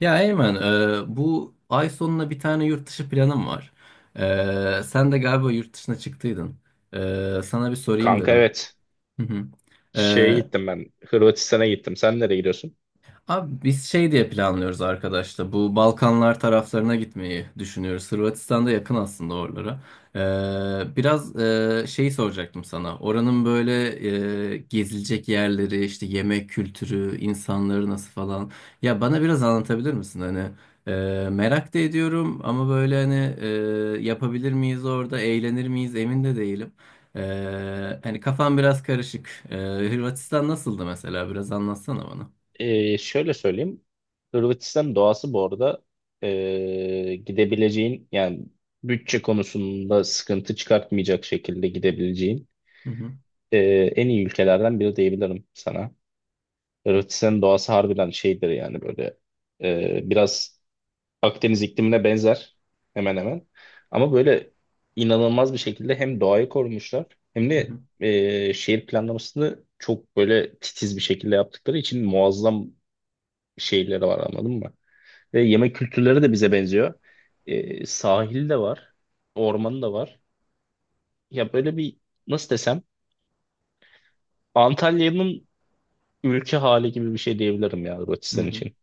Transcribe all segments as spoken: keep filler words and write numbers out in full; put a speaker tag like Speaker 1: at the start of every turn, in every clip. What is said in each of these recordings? Speaker 1: Ya Eymen, e, bu ay sonuna bir tane yurt dışı planım var. E, sen de galiba yurt dışına çıktıydın. E, sana bir sorayım
Speaker 2: Kanka
Speaker 1: dedim.
Speaker 2: evet.
Speaker 1: Hı hı.
Speaker 2: Şeye
Speaker 1: E,
Speaker 2: gittim ben. Hırvatistan'a gittim. Sen nereye gidiyorsun?
Speaker 1: Abi biz şey diye planlıyoruz arkadaşlar. Bu Balkanlar taraflarına gitmeyi düşünüyoruz. Hırvatistan'da yakın aslında oralara. Ee, biraz e, şey soracaktım sana. Oranın böyle e, gezilecek yerleri, işte yemek kültürü, insanları nasıl falan. Ya bana biraz anlatabilir misin? Hani e, merak da ediyorum ama böyle hani e, yapabilir miyiz orada, eğlenir miyiz emin de değilim. Ee, hani kafam biraz karışık. Ee, Hırvatistan nasıldı mesela? Biraz anlatsana bana.
Speaker 2: Ee, şöyle söyleyeyim. Hırvatistan doğası bu arada, ee, gidebileceğin yani bütçe konusunda sıkıntı çıkartmayacak şekilde gidebileceğin ee, en iyi ülkelerden biri diyebilirim sana. Hırvatistan'ın doğası harbiden şeydir yani böyle ee, biraz Akdeniz iklimine benzer hemen hemen. Ama böyle inanılmaz bir şekilde hem doğayı korumuşlar, hem
Speaker 1: Hı
Speaker 2: de
Speaker 1: hı,
Speaker 2: e, şehir planlamasını çok böyle titiz bir şekilde yaptıkları için muazzam şehirleri var, anladın mı? Ve yemek kültürleri de bize benziyor. E, sahil de var, ormanı da var. Ya böyle bir, nasıl desem, Antalya'nın ülke hali gibi bir şey diyebilirim ya
Speaker 1: hı
Speaker 2: Hırvatistan
Speaker 1: hı,
Speaker 2: için.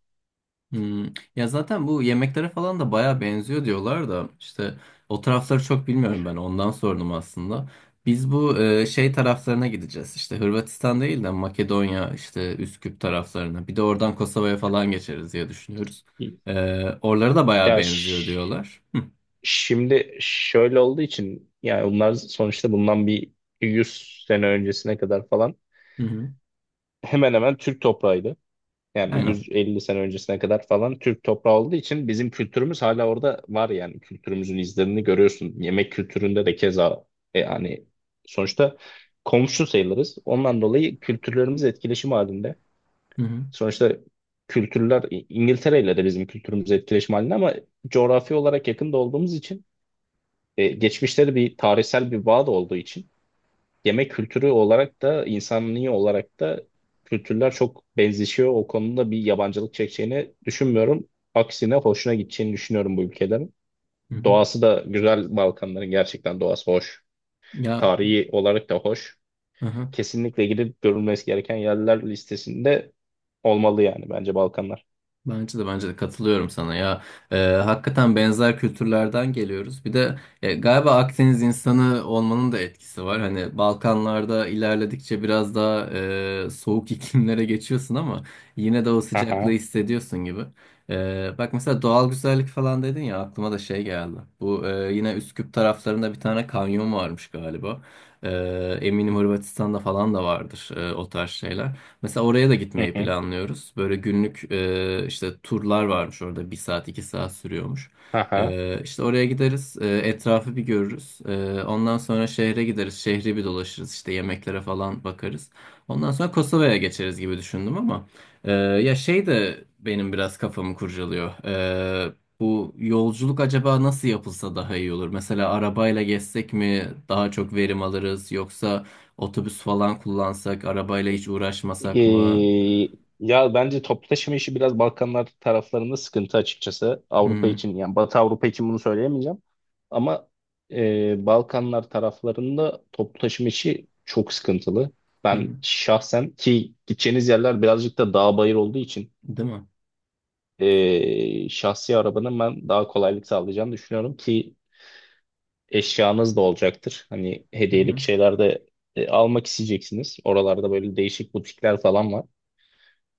Speaker 1: hı. Ya zaten bu yemeklere falan da baya benziyor diyorlar da işte o tarafları çok bilmiyorum ben ondan sordum aslında. Biz bu e, şey taraflarına gideceğiz işte Hırvatistan değil de Makedonya işte Üsküp taraflarına bir de oradan Kosova'ya falan geçeriz diye düşünüyoruz. E, oralara da baya
Speaker 2: Ya
Speaker 1: benziyor
Speaker 2: ş-
Speaker 1: diyorlar. Hı
Speaker 2: Şimdi şöyle olduğu için, yani bunlar sonuçta bundan bir yüz sene öncesine kadar falan
Speaker 1: hı, hı.
Speaker 2: hemen hemen Türk toprağıydı. Yani
Speaker 1: Aynen.
Speaker 2: yüz elli sene öncesine kadar falan Türk toprağı olduğu için bizim kültürümüz hala orada var, yani kültürümüzün izlerini görüyorsun. Yemek kültüründe de keza e, yani sonuçta komşu sayılırız. Ondan dolayı kültürlerimiz etkileşim halinde.
Speaker 1: Hı hı,
Speaker 2: Sonuçta kültürler, İ- İngiltere ile de bizim kültürümüz etkileşim halinde, ama coğrafi olarak yakında olduğumuz için, e, geçmişte de bir tarihsel bir bağ da olduğu için, yemek kültürü olarak da insanlığı olarak da kültürler çok benzişiyor. O konuda bir yabancılık çekeceğini düşünmüyorum. Aksine hoşuna gideceğini düşünüyorum bu ülkelerin.
Speaker 1: hı hı.
Speaker 2: Doğası da güzel, Balkanların gerçekten doğası hoş.
Speaker 1: Ya
Speaker 2: Tarihi olarak da hoş.
Speaker 1: hı hı.
Speaker 2: Kesinlikle gidip görülmesi gereken yerler listesinde olmalı yani, bence, Balkanlar.
Speaker 1: Bence de bence de katılıyorum sana ya. Ee, hakikaten benzer kültürlerden geliyoruz bir de e, galiba Akdeniz insanı olmanın da etkisi var hani Balkanlarda ilerledikçe biraz daha e, soğuk iklimlere geçiyorsun ama yine de o sıcaklığı
Speaker 2: Aha.
Speaker 1: hissediyorsun gibi. Ee, bak mesela doğal güzellik falan dedin ya aklıma da şey geldi bu e, yine Üsküp taraflarında bir tane kanyon varmış galiba. Ee, eminim Hırvatistan'da falan da vardır e, o tarz şeyler. Mesela oraya da
Speaker 2: Hı
Speaker 1: gitmeyi
Speaker 2: hı.
Speaker 1: planlıyoruz. Böyle günlük e, işte turlar varmış orada. Bir saat, iki saat sürüyormuş.
Speaker 2: Aha.
Speaker 1: E, işte oraya gideriz. E, etrafı bir görürüz. E, ondan sonra şehre gideriz. Şehri bir dolaşırız. İşte yemeklere falan bakarız. Ondan sonra Kosova'ya geçeriz gibi düşündüm ama e, ya şey de benim biraz kafamı kurcalıyor. E, bu yolculuk acaba nasıl yapılsa daha iyi olur? Mesela arabayla gezsek mi daha çok verim alırız yoksa otobüs falan kullansak, arabayla hiç uğraşmasak mı?
Speaker 2: Ee, Ya bence toplu taşıma işi biraz Balkanlar taraflarında sıkıntı, açıkçası.
Speaker 1: Hı
Speaker 2: Avrupa
Speaker 1: hı.
Speaker 2: için, yani Batı Avrupa için bunu söyleyemeyeceğim. Ama e, Balkanlar taraflarında toplu taşıma işi çok sıkıntılı.
Speaker 1: Hı
Speaker 2: Ben
Speaker 1: hı.
Speaker 2: şahsen, ki gideceğiniz yerler birazcık da dağ bayır olduğu için,
Speaker 1: Değil mi?
Speaker 2: e, şahsi arabanın ben daha kolaylık sağlayacağını düşünüyorum, ki eşyanız da olacaktır. Hani
Speaker 1: Hı
Speaker 2: hediyelik
Speaker 1: hı.
Speaker 2: şeyler de e, almak isteyeceksiniz. Oralarda böyle değişik butikler falan var.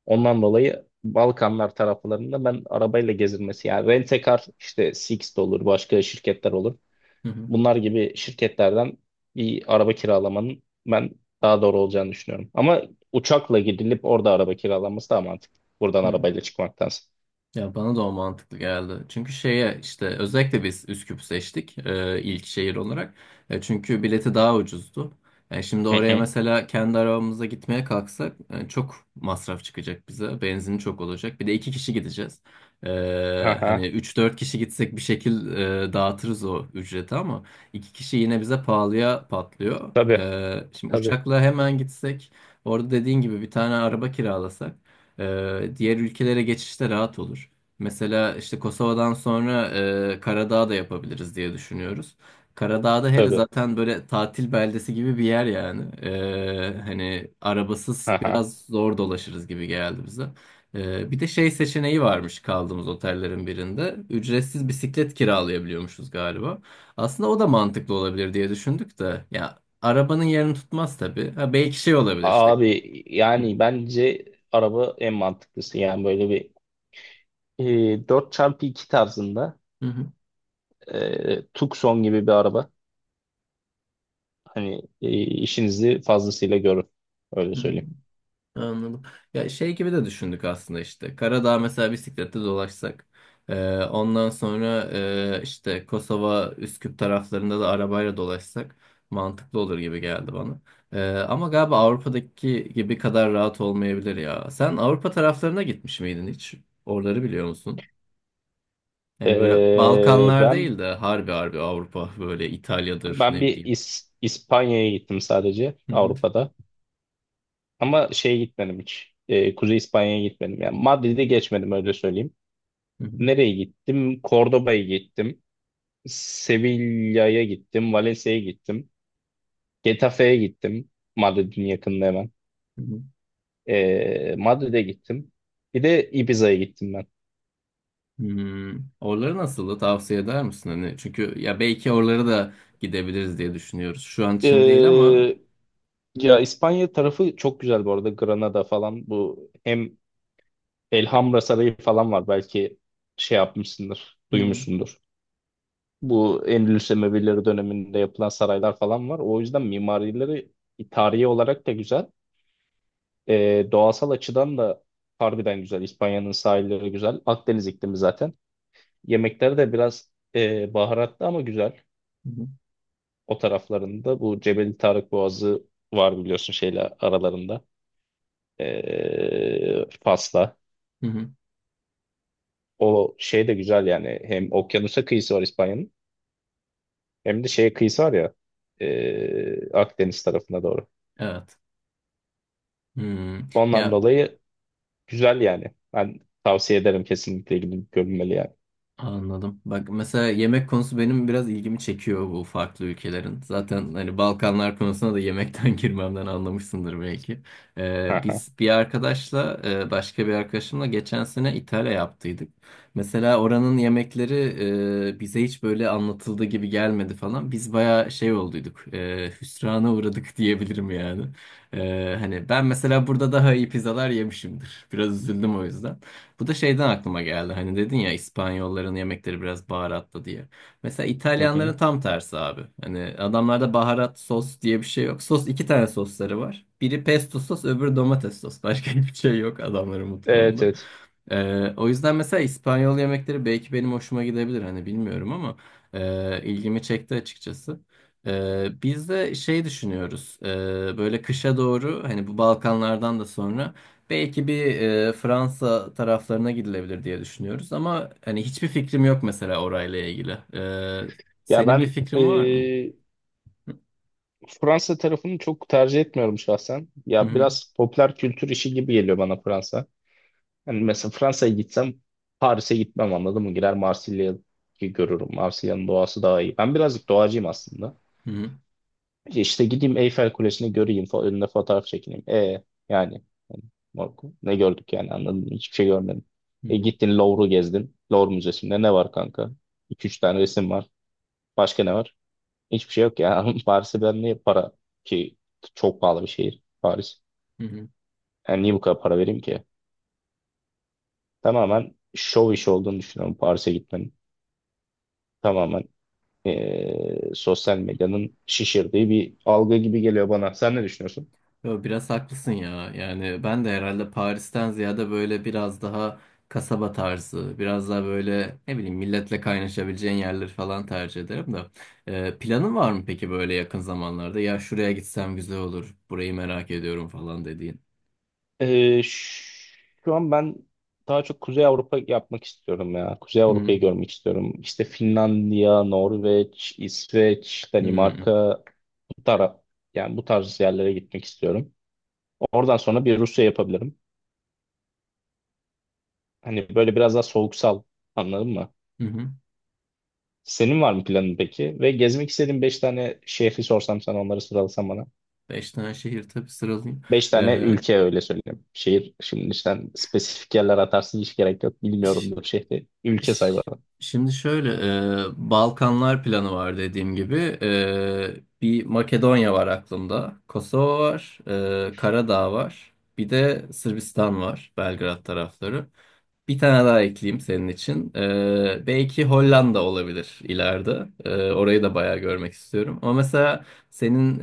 Speaker 2: Ondan dolayı Balkanlar taraflarında ben arabayla gezilmesi, yani Rent-A-Car, işte Sixt olur, başka şirketler olur.
Speaker 1: Hı hı.
Speaker 2: Bunlar gibi şirketlerden bir araba kiralamanın ben daha doğru olacağını düşünüyorum. Ama uçakla gidilip orada araba kiralanması daha mantıklı, buradan
Speaker 1: Hı.
Speaker 2: arabayla çıkmaktansa.
Speaker 1: Ya bana da o mantıklı geldi. Çünkü şeye işte özellikle biz Üsküp seçtik e, ilk şehir olarak. E, çünkü bileti daha ucuzdu. E, şimdi
Speaker 2: Hı
Speaker 1: oraya
Speaker 2: hı.
Speaker 1: mesela kendi arabamıza gitmeye kalksak e, çok masraf çıkacak bize. Benzin çok olacak. Bir de iki kişi gideceğiz. E,
Speaker 2: Haha.
Speaker 1: hani üç dört kişi gitsek bir şekil e, dağıtırız o ücreti ama iki kişi yine bize pahalıya patlıyor.
Speaker 2: Tabii.
Speaker 1: E, şimdi
Speaker 2: Tabii.
Speaker 1: uçakla hemen gitsek orada dediğin gibi bir tane araba kiralasak, ee, diğer ülkelere geçişte rahat olur. Mesela işte Kosova'dan sonra e, Karadağ da yapabiliriz diye düşünüyoruz. Karadağ'da hele
Speaker 2: Tabii.
Speaker 1: zaten böyle tatil beldesi gibi bir yer yani. Ee, hani arabasız
Speaker 2: Haha.
Speaker 1: biraz zor dolaşırız gibi geldi bize. Ee, bir de şey seçeneği varmış kaldığımız otellerin birinde. Ücretsiz bisiklet kiralayabiliyormuşuz galiba. Aslında o da mantıklı olabilir diye düşündük de. Ya arabanın yerini tutmaz tabii. Ha, belki şey olabilir işte.
Speaker 2: Abi yani bence araba en mantıklısı. Yani böyle bir, e, dört çarpı iki tarzında,
Speaker 1: Hı hı.
Speaker 2: e, Tucson gibi bir araba. Hani e, işinizi fazlasıyla görün. Öyle
Speaker 1: Hı.
Speaker 2: söyleyeyim.
Speaker 1: Anladım. Ya şey gibi de düşündük aslında işte. Karadağ mesela bisiklette dolaşsak. Ee, ondan sonra e, işte Kosova, Üsküp taraflarında da arabayla dolaşsak mantıklı olur gibi geldi bana. Ee, ama galiba Avrupa'daki gibi kadar rahat olmayabilir ya. Sen Avrupa taraflarına gitmiş miydin hiç? Oraları biliyor musun? Yani böyle
Speaker 2: Ee,
Speaker 1: Balkanlar
Speaker 2: ben
Speaker 1: değil de harbi harbi Avrupa böyle İtalya'dır
Speaker 2: ben
Speaker 1: ne
Speaker 2: bir
Speaker 1: bileyim.
Speaker 2: İs- İspanya'ya gittim sadece
Speaker 1: Hı hı,
Speaker 2: Avrupa'da. Ama şeye gitmedim hiç. Ee, Kuzey İspanya'ya gitmedim. Yani Madrid'e geçmedim, öyle söyleyeyim.
Speaker 1: hı hı,
Speaker 2: Nereye gittim? Cordoba'ya gittim. Sevilla'ya gittim. Valencia'ya gittim. Getafe'ye gittim. Madrid'in yakınında hemen.
Speaker 1: hı hı.
Speaker 2: Ee, Madrid'e gittim. Bir de Ibiza'ya gittim ben.
Speaker 1: Hmm, oraları nasıldı? Tavsiye eder misin? Hani çünkü ya belki oralara da gidebiliriz diye düşünüyoruz. Şu an için değil ama.
Speaker 2: Ee, Ya İspanya tarafı çok güzel bu arada. Granada falan, bu hem Elhamra Sarayı falan var. Belki şey yapmışsındır,
Speaker 1: Hı hı.
Speaker 2: duymuşsundur. Bu Endülüs Emevileri döneminde yapılan saraylar falan var. O yüzden mimarileri tarihi olarak da güzel. Ee, doğasal açıdan da harbiden güzel. İspanya'nın sahilleri güzel. Akdeniz iklimi zaten. Yemekleri de biraz e, baharatlı ama güzel. O taraflarında bu Cebeli Tarık Boğazı var, biliyorsun, şeyle aralarında. Ee, Fas'la.
Speaker 1: Hı hı.
Speaker 2: O şey de güzel yani. Hem okyanusa kıyısı var İspanya'nın, hem de şeye kıyısı var ya, ee, Akdeniz tarafına doğru.
Speaker 1: Evet. Hmm.
Speaker 2: Ondan
Speaker 1: Ya
Speaker 2: dolayı güzel yani. Ben tavsiye ederim, kesinlikle gidip görünmeli yani.
Speaker 1: anladım. Bak mesela yemek konusu benim biraz ilgimi çekiyor bu farklı ülkelerin. Zaten hani Balkanlar konusuna da yemekten girmemden anlamışsındır belki. Ee,
Speaker 2: Aha,
Speaker 1: biz bir arkadaşla e, başka bir arkadaşımla geçen sene İtalya yaptıydık. Mesela oranın yemekleri e, bize hiç böyle anlatıldığı gibi gelmedi falan. Biz bayağı şey olduyduk. E, hüsrana uğradık diyebilirim yani. E, hani ben mesela burada daha iyi pizzalar yemişimdir. Biraz üzüldüm o yüzden. Bu da şeyden aklıma geldi. Hani dedin ya İspanyolların yemekleri biraz baharatlı diye. Mesela
Speaker 2: hı hı.
Speaker 1: İtalyanların tam tersi abi. Hani adamlarda baharat sos diye bir şey yok. Sos iki tane sosları var. Biri pesto sos, öbürü domates sos. Başka hiçbir şey yok adamların
Speaker 2: Evet
Speaker 1: mutfağında.
Speaker 2: evet.
Speaker 1: Ee, o yüzden mesela İspanyol yemekleri belki benim hoşuma gidebilir. Hani bilmiyorum ama e, ilgimi çekti açıkçası. Ee, biz de şey düşünüyoruz. Ee, böyle kışa doğru hani bu Balkanlardan da sonra. Belki bir e, Fransa taraflarına gidilebilir diye düşünüyoruz ama hani hiçbir fikrim yok mesela orayla ilgili. E,
Speaker 2: Ya
Speaker 1: senin bir
Speaker 2: ben
Speaker 1: fikrin var mı?
Speaker 2: ee, Fransa tarafını çok tercih etmiyorum şahsen.
Speaker 1: Hı
Speaker 2: Ya
Speaker 1: hı,
Speaker 2: biraz popüler kültür işi gibi geliyor bana Fransa. Yani mesela Fransa'ya gitsem, Paris'e gitmem, anladın mı? Girer Marsilya'yı görürüm. Marsilya'nın doğası daha iyi. Ben birazcık doğacıyım aslında.
Speaker 1: hı hı,
Speaker 2: İşte gideyim, Eyfel Kulesi'ni göreyim, fa önüne fotoğraf çekineyim. E yani Marco, ne gördük yani, anladın mı? Hiçbir şey görmedim.
Speaker 1: hı
Speaker 2: E
Speaker 1: hı,
Speaker 2: gittin Louvre'u gezdin. Louvre Müzesi'nde ne var kanka? iki üç tane resim var. Başka ne var? Hiçbir şey yok ya. Paris'e ben niye para ki, çok pahalı bir şehir Paris.
Speaker 1: hı hı.
Speaker 2: Yani niye bu kadar para vereyim ki? Tamamen şov işi olduğunu düşünüyorum Paris'e gitmenin. Tamamen e, sosyal medyanın şişirdiği bir algı gibi geliyor bana. Sen ne düşünüyorsun?
Speaker 1: Yo, biraz haklısın ya. Yani ben de herhalde Paris'ten ziyade böyle biraz daha kasaba tarzı, biraz daha böyle ne bileyim milletle kaynaşabileceğin yerleri falan tercih ederim de. E, planın var mı peki böyle yakın zamanlarda? Ya şuraya gitsem güzel olur, burayı merak ediyorum falan dediğin.
Speaker 2: E, ş- Şu an ben daha çok Kuzey Avrupa yapmak istiyorum ya. Kuzey
Speaker 1: Hı hı,
Speaker 2: Avrupa'yı görmek istiyorum. İşte Finlandiya, Norveç, İsveç,
Speaker 1: hı hı.
Speaker 2: Danimarka, bu taraf, yani bu tarz yerlere gitmek istiyorum. Oradan sonra bir Rusya yapabilirim. Hani böyle biraz daha soğuksal, anladın mı?
Speaker 1: Hı hı.
Speaker 2: Senin var mı planın peki? Ve gezmek istediğin beş tane şehri sorsam sana, onları sıralasam.
Speaker 1: Beş tane şehir tabii sıralayayım.
Speaker 2: Beş tane
Speaker 1: Ee,
Speaker 2: ülke, öyle söyleyeyim. Şehir, şimdi sen spesifik yerler atarsın, hiç gerek yok.
Speaker 1: ş-
Speaker 2: Bilmiyorumdur şehri. Ülke say
Speaker 1: ş-
Speaker 2: bana.
Speaker 1: şimdi şöyle e, Balkanlar planı var dediğim gibi. Ee, bir Makedonya var aklımda. Kosova var. E, Karadağ var. Bir de Sırbistan var. Belgrad tarafları. Bir tane daha ekleyeyim senin için. Ee, belki Hollanda olabilir ileride. Ee, orayı da bayağı görmek istiyorum. Ama mesela senin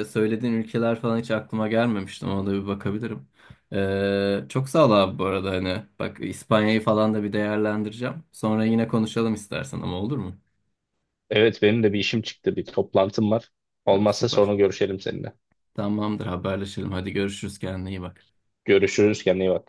Speaker 1: e, söylediğin ülkeler falan hiç aklıma gelmemişti. Ona da bir bakabilirim. Ee, çok sağ ol abi bu arada. Hani bak İspanya'yı falan da bir değerlendireceğim. Sonra yine konuşalım istersen ama olur mu?
Speaker 2: Evet, benim de bir işim çıktı. Bir toplantım var.
Speaker 1: Ya,
Speaker 2: Olmazsa
Speaker 1: süper.
Speaker 2: sonra görüşelim seninle.
Speaker 1: Tamamdır haberleşelim. Hadi görüşürüz kendine iyi bak.
Speaker 2: Görüşürüz, kendine iyi bak.